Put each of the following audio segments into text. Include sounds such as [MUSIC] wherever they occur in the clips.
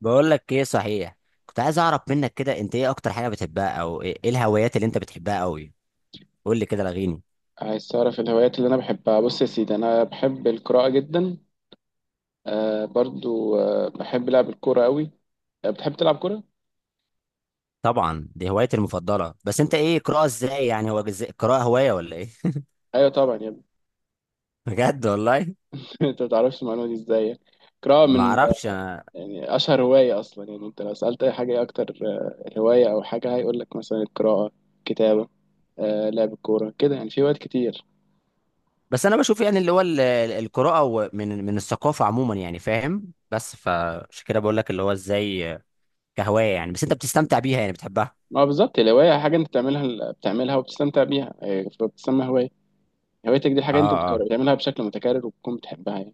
بقول لك ايه صحيح. كنت عايز اعرف منك كده، انت ايه اكتر حاجه بتحبها، او إيه الهوايات اللي انت بتحبها قوي؟ قول لي كده، لغيني. عايز تعرف الهوايات اللي انا بحبها؟ بص يا سيدي، انا بحب القراءة جدا. آه برضو، بحب لعب الكورة قوي. آه بتحب تلعب كورة؟ طبعا دي هوايتي المفضله. بس انت ايه، قراءه ازاي؟ يعني هو قراءه هوايه ولا ايه؟ ايوه طبعا يا ابني. [LAUGHS] بجد والله. [LAUGHS] انت ما تعرفش المعلومة دي ازاي؟ القراءة ما من اعرفش انا. يعني اشهر هواية اصلا. يعني انت لو سألت اي حاجة ايه اكتر هواية او حاجة، هيقول لك مثلا القراءة، كتابة، لعب الكورة كده. يعني في هوايات كتير. بس انا بشوف يعني اللي هو القراءه من الثقافه عموما، يعني فاهم؟ بس فعشان كده بقول لك، اللي هو ازاي كهوايه يعني. بس انت بتستمتع بيها يعني، بتحبها؟ ما هو بالظبط الهواية حاجة انت بتعملها وبتستمتع بيها، فبتسمى هواية. هوايتك دي اه حاجة انت اه. بتعملها بشكل متكرر وبتكون بتحبها يعني.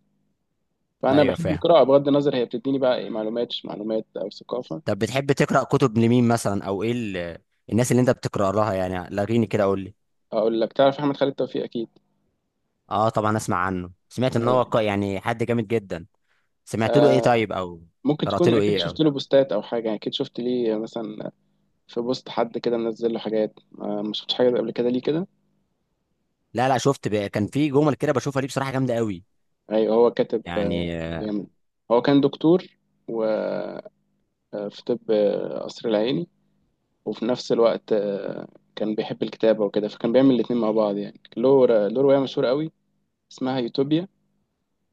فانا ايوه بحب فاهم. القراءه بغض النظر هي بتديني بقى ايه، معلومات مش معلومات او ثقافه. طب بتحب تقرا كتب لمين مثلا، او ايه الناس اللي انت بتقرا لها؟ يعني لغيني كده، قول لي. اقول لك، تعرف احمد خالد توفيق اكيد؟ اه طبعا، اسمع عنه، سمعت ان ايوه. هو يعني حد جامد جدا. سمعت له ايه آه. طيب، او. ممكن قرات تكون له اكيد ايه، او. شفت له بوستات او حاجه، يعني اكيد شفت ليه مثلا في بوست، حد كده منزل له حاجات. ما شفتش حاجه قبل كده ليه كده؟ لا لا، شفت. كان في جمل كده بشوفها ليه، بصراحه جامده قوي. ايوه، هو كاتب يعني جامد. هو كان دكتور وفي طب، قصر العيني، وفي نفس الوقت كان بيحب الكتابه وكده، فكان بيعمل الاتنين مع بعض. يعني له له روايه مشهوره قوي اسمها يوتوبيا.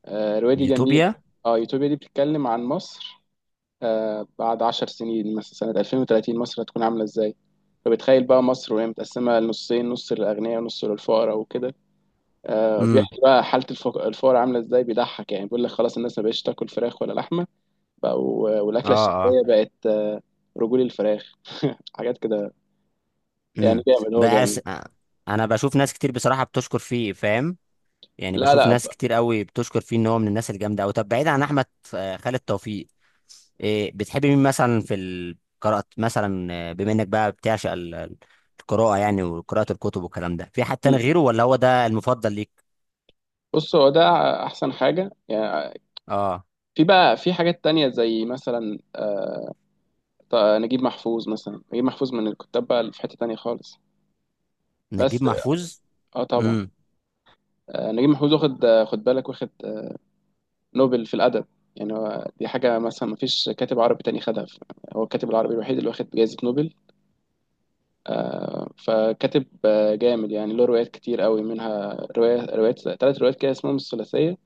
الرواية دي جميلة. يوتوبيا. اه، يوتوبيا دي بتتكلم عن مصر بعد 10 سنين، مثلا سنة 2030، مصر هتكون عاملة ازاي. فبتخيل بقى مصر وهي متقسمة لنصين، نص للأغنياء ونص للفقراء وكده. امم. بيحكي بقى حالة الفقراء عاملة ازاي، بيضحك يعني، بيقول لك خلاص الناس ما بقتش تاكل فراخ ولا لحمة، بقوا اه والأكلة اه. الشعبية بقت رجول الفراخ [LAUGHS] حاجات كده. يعني امم. جامد، هو بس جامد. انا بشوف ناس كتير بصراحه بتشكر فيه، فاهم؟ يعني لا بشوف لا، ناس كتير قوي بتشكر فيه ان هو من الناس الجامده قوي. طب بعيد عن احمد خالد توفيق، إيه بتحب مين مثلا في القراءة؟ مثلا بما انك بقى بتعشق القراءة يعني وقراءة الكتب والكلام ده، في حد تاني مم. غيره، ولا هو ده المفضل ليك؟ بص، هو ده احسن حاجه يعني. اه، في بقى في حاجات تانية زي مثلا طيب نجيب محفوظ، مثلا نجيب محفوظ، من الكتاب بقى اللي في حتة تانية خالص. بس نجيب محفوظ. اه طبعا. امم. نجيب محفوظ واخد خد بالك، واخد نوبل في الأدب. يعني هو دي حاجة مثلا، ما فيش كاتب عربي تاني خدها. هو الكاتب العربي الوحيد اللي واخد جائزة نوبل. فكاتب جامد يعني، له روايات كتير قوي، منها رواية روايات 3 روايات كده اسمهم الثلاثية.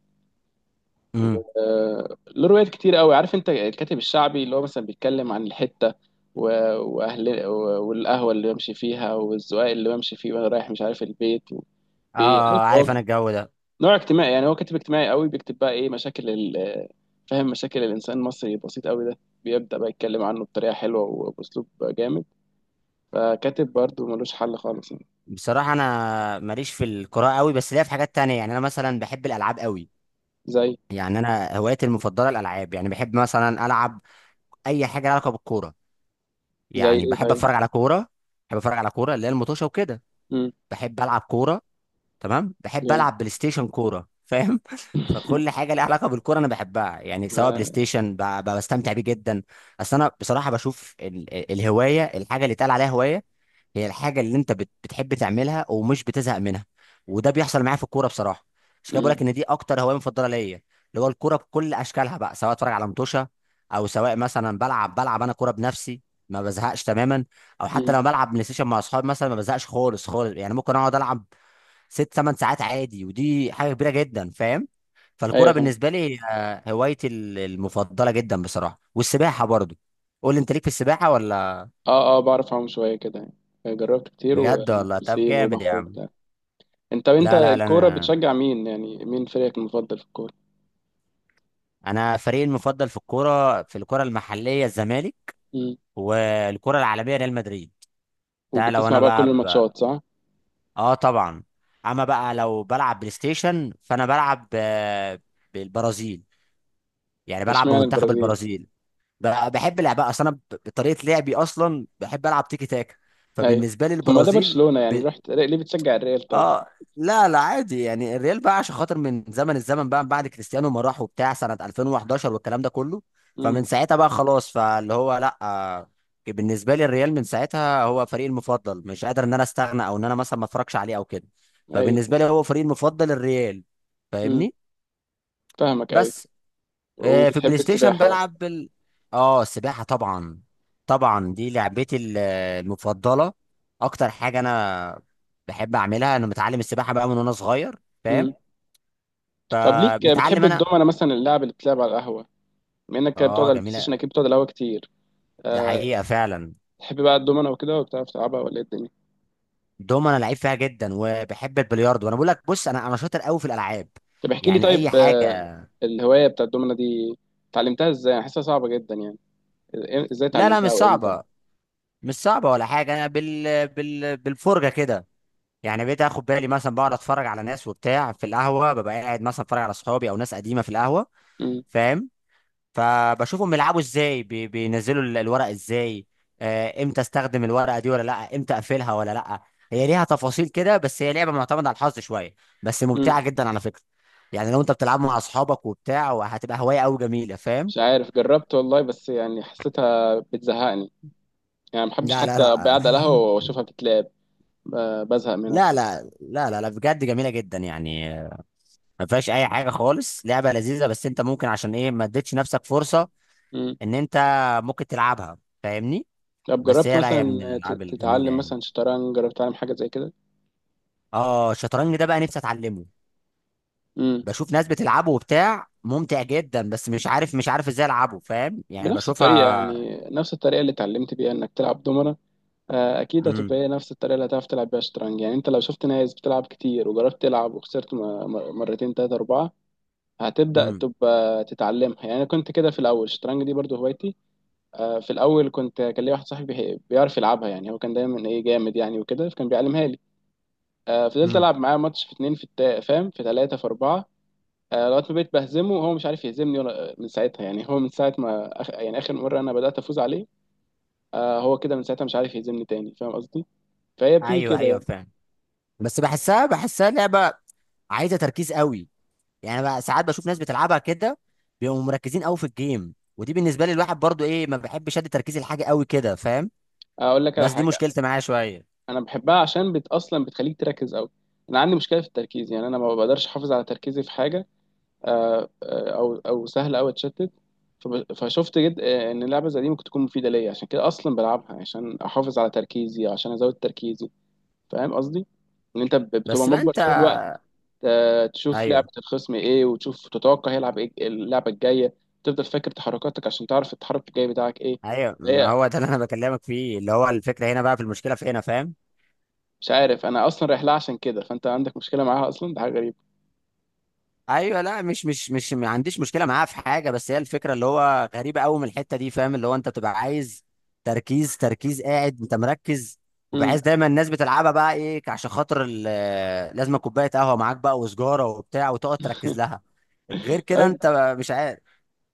امم. له روايات كتير قوي. عارف انت الكاتب الشعبي اللي هو مثلا بيتكلم عن الحتة واهل والقهوه اللي بمشي فيها، والزقاق اللي بمشي فيه، وانا رايح مش عارف البيت. عارف، اه، عارف هو انا الجو ده. نوع اجتماعي يعني، هو كاتب اجتماعي قوي، بيكتب بقى ايه، مشاكل فاهم، مشاكل الانسان المصري البسيط قوي ده. بيبدأ بقى يتكلم عنه بطريقة حلوة وبأسلوب جامد. فكاتب برضه ملوش حل خالص يعني. بصراحة انا ماليش في القراءة قوي، بس ليا في حاجات تانية. يعني انا مثلا بحب الالعاب قوي. زي يعني انا هوايتي المفضلة الالعاب. يعني بحب مثلا العب اي حاجة لها علاقة بالكورة. زي يعني ايه بحب طيب؟ اتفرج على كوره. بحب اتفرج على كوره، اللي هي المطوشه وكده. امم، بحب العب كوره. تمام، بحب جامد. العب بلاي ستيشن كوره، فاهم؟ [LAUGHS] فكل [LAUGHS] حاجه ليها علاقه بالكوره انا بحبها، يعني سواء بلاي ما- ستيشن بستمتع بيه جدا. اصل انا بصراحه بشوف الهوايه، الحاجه اللي اتقال عليها هوايه هي الحاجه اللي انت بتحب تعملها ومش بتزهق منها. وده بيحصل معايا في الكوره بصراحه. مش كده بقول مم. لك ان دي اكتر هوايه مفضله ليا، اللي هو الكوره بكل اشكالها بقى، سواء اتفرج على متوشه، او سواء مثلا بلعب انا كوره بنفسي. ما بزهقش تماما، او حتى مم. لما بلعب بلاي ستيشن مع اصحابي مثلا، ما بزهقش خالص خالص يعني. ممكن اقعد العب 6-8 ساعات عادي، ودي حاجه كبيره جدا، فاهم؟ فالكوره ايوه فاهم. بالنسبه لي هي هوايتي المفضله جدا بصراحه، والسباحه برضو. قول لي انت، ليك في السباحه ولا؟ اه اه، بعرف اعوم شوية كده يعني، جربت كتير، بجد ولا؟ طب وبسين جامد يا وبحر عم. وبتاع. انت، لا لا لا، الكورة انا بتشجع مين؟ يعني مين فريقك المفضل في الكورة؟ انا فريقي المفضل في الكوره المحليه الزمالك، مم. والكوره العالميه ريال مدريد. ده لو وبتسمع انا بقى كل بقى. الماتشات، صح؟ اه طبعا. اما بقى لو بلعب بلاي ستيشن فانا بلعب بالبرازيل. يعني بلعب اشمعنى بمنتخب البرازيل؟ البرازيل. بحب لعبها اصلا انا، بطريقه لعبي اصلا بحب العب تيكي تاكا، ايوه. فبالنسبه لي طب ما ده البرازيل. برشلونة، يعني ب... رحت ليه بتشجع الريال طيب؟ اه. لا لا، عادي يعني. الريال بقى عشان خاطر من زمن الزمن بقى، بعد كريستيانو ما راح وبتاع سنه 2011 والكلام ده كله، امم. فمن ساعتها بقى خلاص. فاللي هو لا بالنسبه لي الريال من ساعتها هو فريقي المفضل. مش قادر ان انا استغنى، او ان انا مثلا ما اتفرجش عليه او كده. ايوه. فبالنسبه لي هو فريقي المفضل، الريال. امم، فاهمني؟ فاهمك، ايوه. بس في وبتحب البلاي ستيشن السباحة بقى. بلعب اه، السباحة طبعا. طبعا دي لعبتي المفضلة، اكتر حاجة انا بحب اعملها. انا متعلم السباحة بقى من وانا صغير، فاهم؟ امم. طب ليك بتحب فمتعلم انا. الدومنة مثلا، اللعب اللي بتلعب على القهوة؟ بما انك بتقعد اه على البلاي ستيشن، جميلة. اكيد بتقعد على القهوة كتير. ده أه. حقيقة فعلا. تحب بقى الدومنة وكده وبتعرف تلعبها ولا ايه الدنيا؟ دوم انا لعيب فيها جدا، وبحب البلياردو. وانا بقول لك، بص، انا شاطر قوي في الالعاب. طب احكي لي يعني اي طيب، حاجة. الهواية بتاع الدومنة دي اتعلمتها ازاي؟ أنا حاسسها صعبة جدا يعني. ازاي لا لا، اتعلمتها مش وامتى؟ صعبة. مش صعبة ولا حاجة. انا بالفرجة كده. يعني بقيت اخد بالي مثلا، بقعد اتفرج على ناس وبتاع في القهوه، ببقى قاعد مثلا اتفرج على صحابي او ناس قديمه في القهوه، امم. فاهم؟ فبشوفهم بيلعبوا ازاي، بينزلوا الورق ازاي، امتى استخدم الورقه دي ولا لا، امتى اقفلها ولا لا. هي ليها تفاصيل كده، بس هي لعبه معتمده على الحظ شويه، بس امم. ممتعه جدا على فكره. يعني لو انت بتلعب مع اصحابك وبتاع، وهتبقى هوايه قوي جميله، فاهم؟ مش عارف، جربت والله، بس يعني حسيتها بتزهقني. يعني ما بحبش لا لا حتى أبقى لا قاعد على القهوة [LAUGHS] واشوفها بتتلعب. بزهق منها لا بصراحة. لا لا لا لا، بجد جميله جدا يعني. ما فيهاش اي حاجه خالص، لعبه لذيذه. بس انت ممكن عشان ايه ما اديتش نفسك فرصه مم. ان انت ممكن تلعبها، فاهمني؟ طب بس جربت هي، لا، مثلا هي من الالعاب الجميله تتعلم يعني. مثلا شطرنج؟ جربت تتعلم حاجة زي كده؟ اه، الشطرنج ده بقى نفسي اتعلمه. مم. بشوف ناس بتلعبه وبتاع، ممتع جدا، بس مش عارف ازاي العبه، فاهم؟ يعني بنفس الطريقة، بشوفها. يعني نفس الطريقة اللي اتعلمت بيها انك تلعب دومنة. اكيد هتبقى امم. هي نفس الطريقة اللي هتعرف تلعب بيها شطرنج. يعني انت لو شفت ناس بتلعب كتير وجربت تلعب وخسرت مرتين تلاتة اربعة، هتبدأ امم. تبقى تتعلمها. يعني انا كنت كده في الاول، الشطرنج دي برضو هوايتي. في الاول كان ليا واحد صاحبي بيعرف يلعبها، يعني هو كان دايما ايه، جامد يعني وكده، فكان بيعلمها لي. فضلت امم. العب معاه ماتش في اتنين في فاهم، في تلاتة في اربعة. لغايه ما بقيت بهزمه وهو مش عارف يهزمني، ولا من ساعتها، يعني هو من ساعه ما يعني اخر مره انا بدات افوز عليه، هو كده من ساعتها مش عارف يهزمني تاني، فاهم قصدي؟ فهي بتيجي ايوه كده ايوه يعني. فاهم. بس بحسها لعبه عايزه تركيز قوي. يعني بقى ساعات بشوف ناس بتلعبها كده بيبقوا مركزين قوي في الجيم، ودي بالنسبه لي، الواحد برضو ايه، ما بحبش ادي تركيزي لحاجه قوي كده، فاهم؟ اقول لك على بس دي حاجه، مشكلتي معاه شويه. انا بحبها عشان اصلا بتخليك تركز قوي. انا عندي مشكله في التركيز، يعني انا ما بقدرش احافظ على تركيزي في حاجه. او سهل قوي اتشتت. فشفت جد ان اللعبه زي دي ممكن تكون مفيده ليا، عشان كده اصلا بلعبها، عشان احافظ على تركيزي، عشان ازود تركيزي. فاهم قصدي؟ ان انت بتبقى بس بقى مجبر انت. طول الوقت تشوف لعبة ايوه الخصم ايه، وتشوف تتوقع هيلعب ايه اللعبة الجاية، تفضل فاكر تحركاتك عشان تعرف التحرك الجاي بتاعك ايه. ايوه، ما هي هو ده اللي انا بكلمك فيه، اللي هو الفكره هنا بقى، في المشكله في هنا، فاهم؟ مش عارف انا، اصلا رايح لها عشان كده، فانت عندك مشكلة معاها اصلا، ده حاجة غريبة. ايوه، لا، مش ما عنديش مشكله معاه في حاجه، بس هي الفكره اللي هو غريبه قوي من الحته دي، فاهم؟ اللي هو انت بتبقى عايز تركيز تركيز، قاعد انت مركز، امم. وبحيث دايما الناس بتلعبها بقى ايه عشان خاطر لازم كوبايه قهوه معاك بقى، وسجاره وبتاع، وتقعد تركز [LAUGHS] لها. غير كده طيب. انت مش عارف.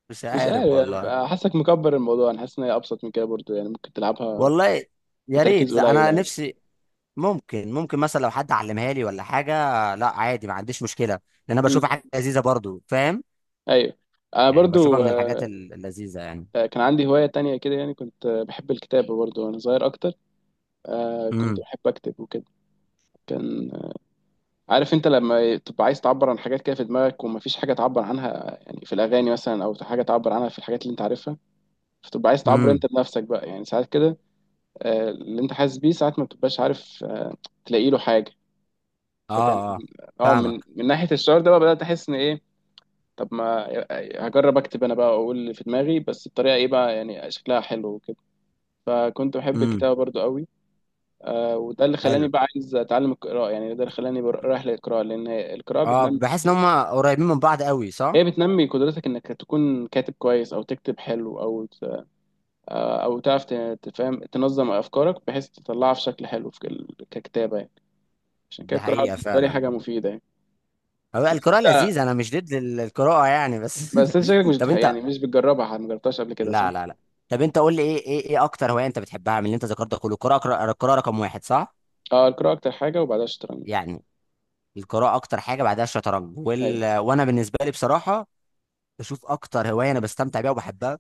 مش مش عارف عارف والله. حاسك مكبر الموضوع. انا حاسس ان هي ابسط من كده برضو، يعني ممكن تلعبها والله يا بتركيز ريت، لا قليل انا عادي. نفسي. ممكن مثلا لو حد علمها لي ولا حاجه. لا عادي، ما عنديش مشكله، لان انا امم. بشوفها حاجه لذيذه برضو، فاهم؟ ايوه. انا يعني بشوفها برضو من الحاجات اللذيذه يعني. كان عندي هواية تانية كده، يعني كنت بحب الكتابة برضو وانا صغير اكتر. كنت امم. بحب اكتب وكده. كان عارف انت لما تبقى عايز تعبر عن حاجات كده في دماغك، ومفيش حاجه تعبر عنها يعني، في الاغاني مثلا، او حاجه تعبر عنها في الحاجات اللي انت عارفها، فتبقى عايز تعبر امم. انت بنفسك بقى، يعني ساعات كده اللي انت حاسس بيه ساعات ما بتبقاش عارف تلاقي له حاجه. اه فكان اه، اه، فاهمك. من ناحيه الشعور ده بقى، بدات احس ان ايه، طب ما هجرب اكتب انا بقى واقول اللي في دماغي، بس بطريقه ايه بقى، يعني شكلها حلو وكده. فكنت بحب امم. الكتابه برضو قوي. وده اللي خلاني حلو. بقى عايز اتعلم القراءه، يعني ده اللي خلاني رايح للقراءه، لان القراءه اه، بتنمي. بحس ان هم قريبين من بعض قوي، صح؟ هي بتنمي قدرتك انك تكون كاتب كويس، او تكتب حلو، او تعرف تفهم، تنظم افكارك بحيث تطلعها في شكل حلو في ككتابه يعني. عشان كده دي القراءه حقيقه بالنسبه لي حاجه فعلا. مفيده يعني. هو القراءه انت لذيذه، انا مش ضد القراءه يعني، بس. [LAUGHS] بس انت شكلك مش طب يعني انت. مش بتجربها، ما جربتهاش قبل كده صح؟ لا لا لا. طب انت قول لي ايه اكتر هوايه انت بتحبها من اللي انت ذكرتها كله؟ القراءه، القراءه رقم واحد، صح؟ اه، القراءه اكتر حاجه، وبعدها الشطرنج. يعني القراءة أكتر حاجة، بعدها الشطرنج. ايوه. وأنا بالنسبة لي بصراحة بشوف أكتر هواية أنا بستمتع بيها وبحبها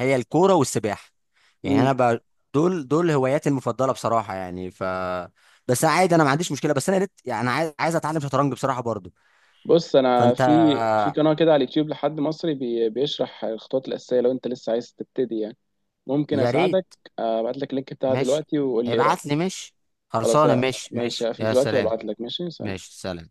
هي الكورة والسباحة. يعني امم. دول هواياتي المفضلة بصراحة يعني، ف. بس عادي، أنا ما عنديش مشكلة. بس أنا يعني أنا عايز أتعلم شطرنج بصراحة برضو، بص، انا فأنت. في في قناه كده على اليوتيوب لحد مصري بيشرح الخطوات الاساسيه، لو انت لسه عايز تبتدي يعني. ممكن يا ريت. اساعدك. ابعت لك اللينك بتاعها ماشي دلوقتي وقول لي ايه ابعت لي. رايك. ماشي، خلاص خلصانة. ماشي ماشي، ماشي هقفل يا دلوقتي سلام. وابعت لك. ماشي، سلام. ماشي سلام.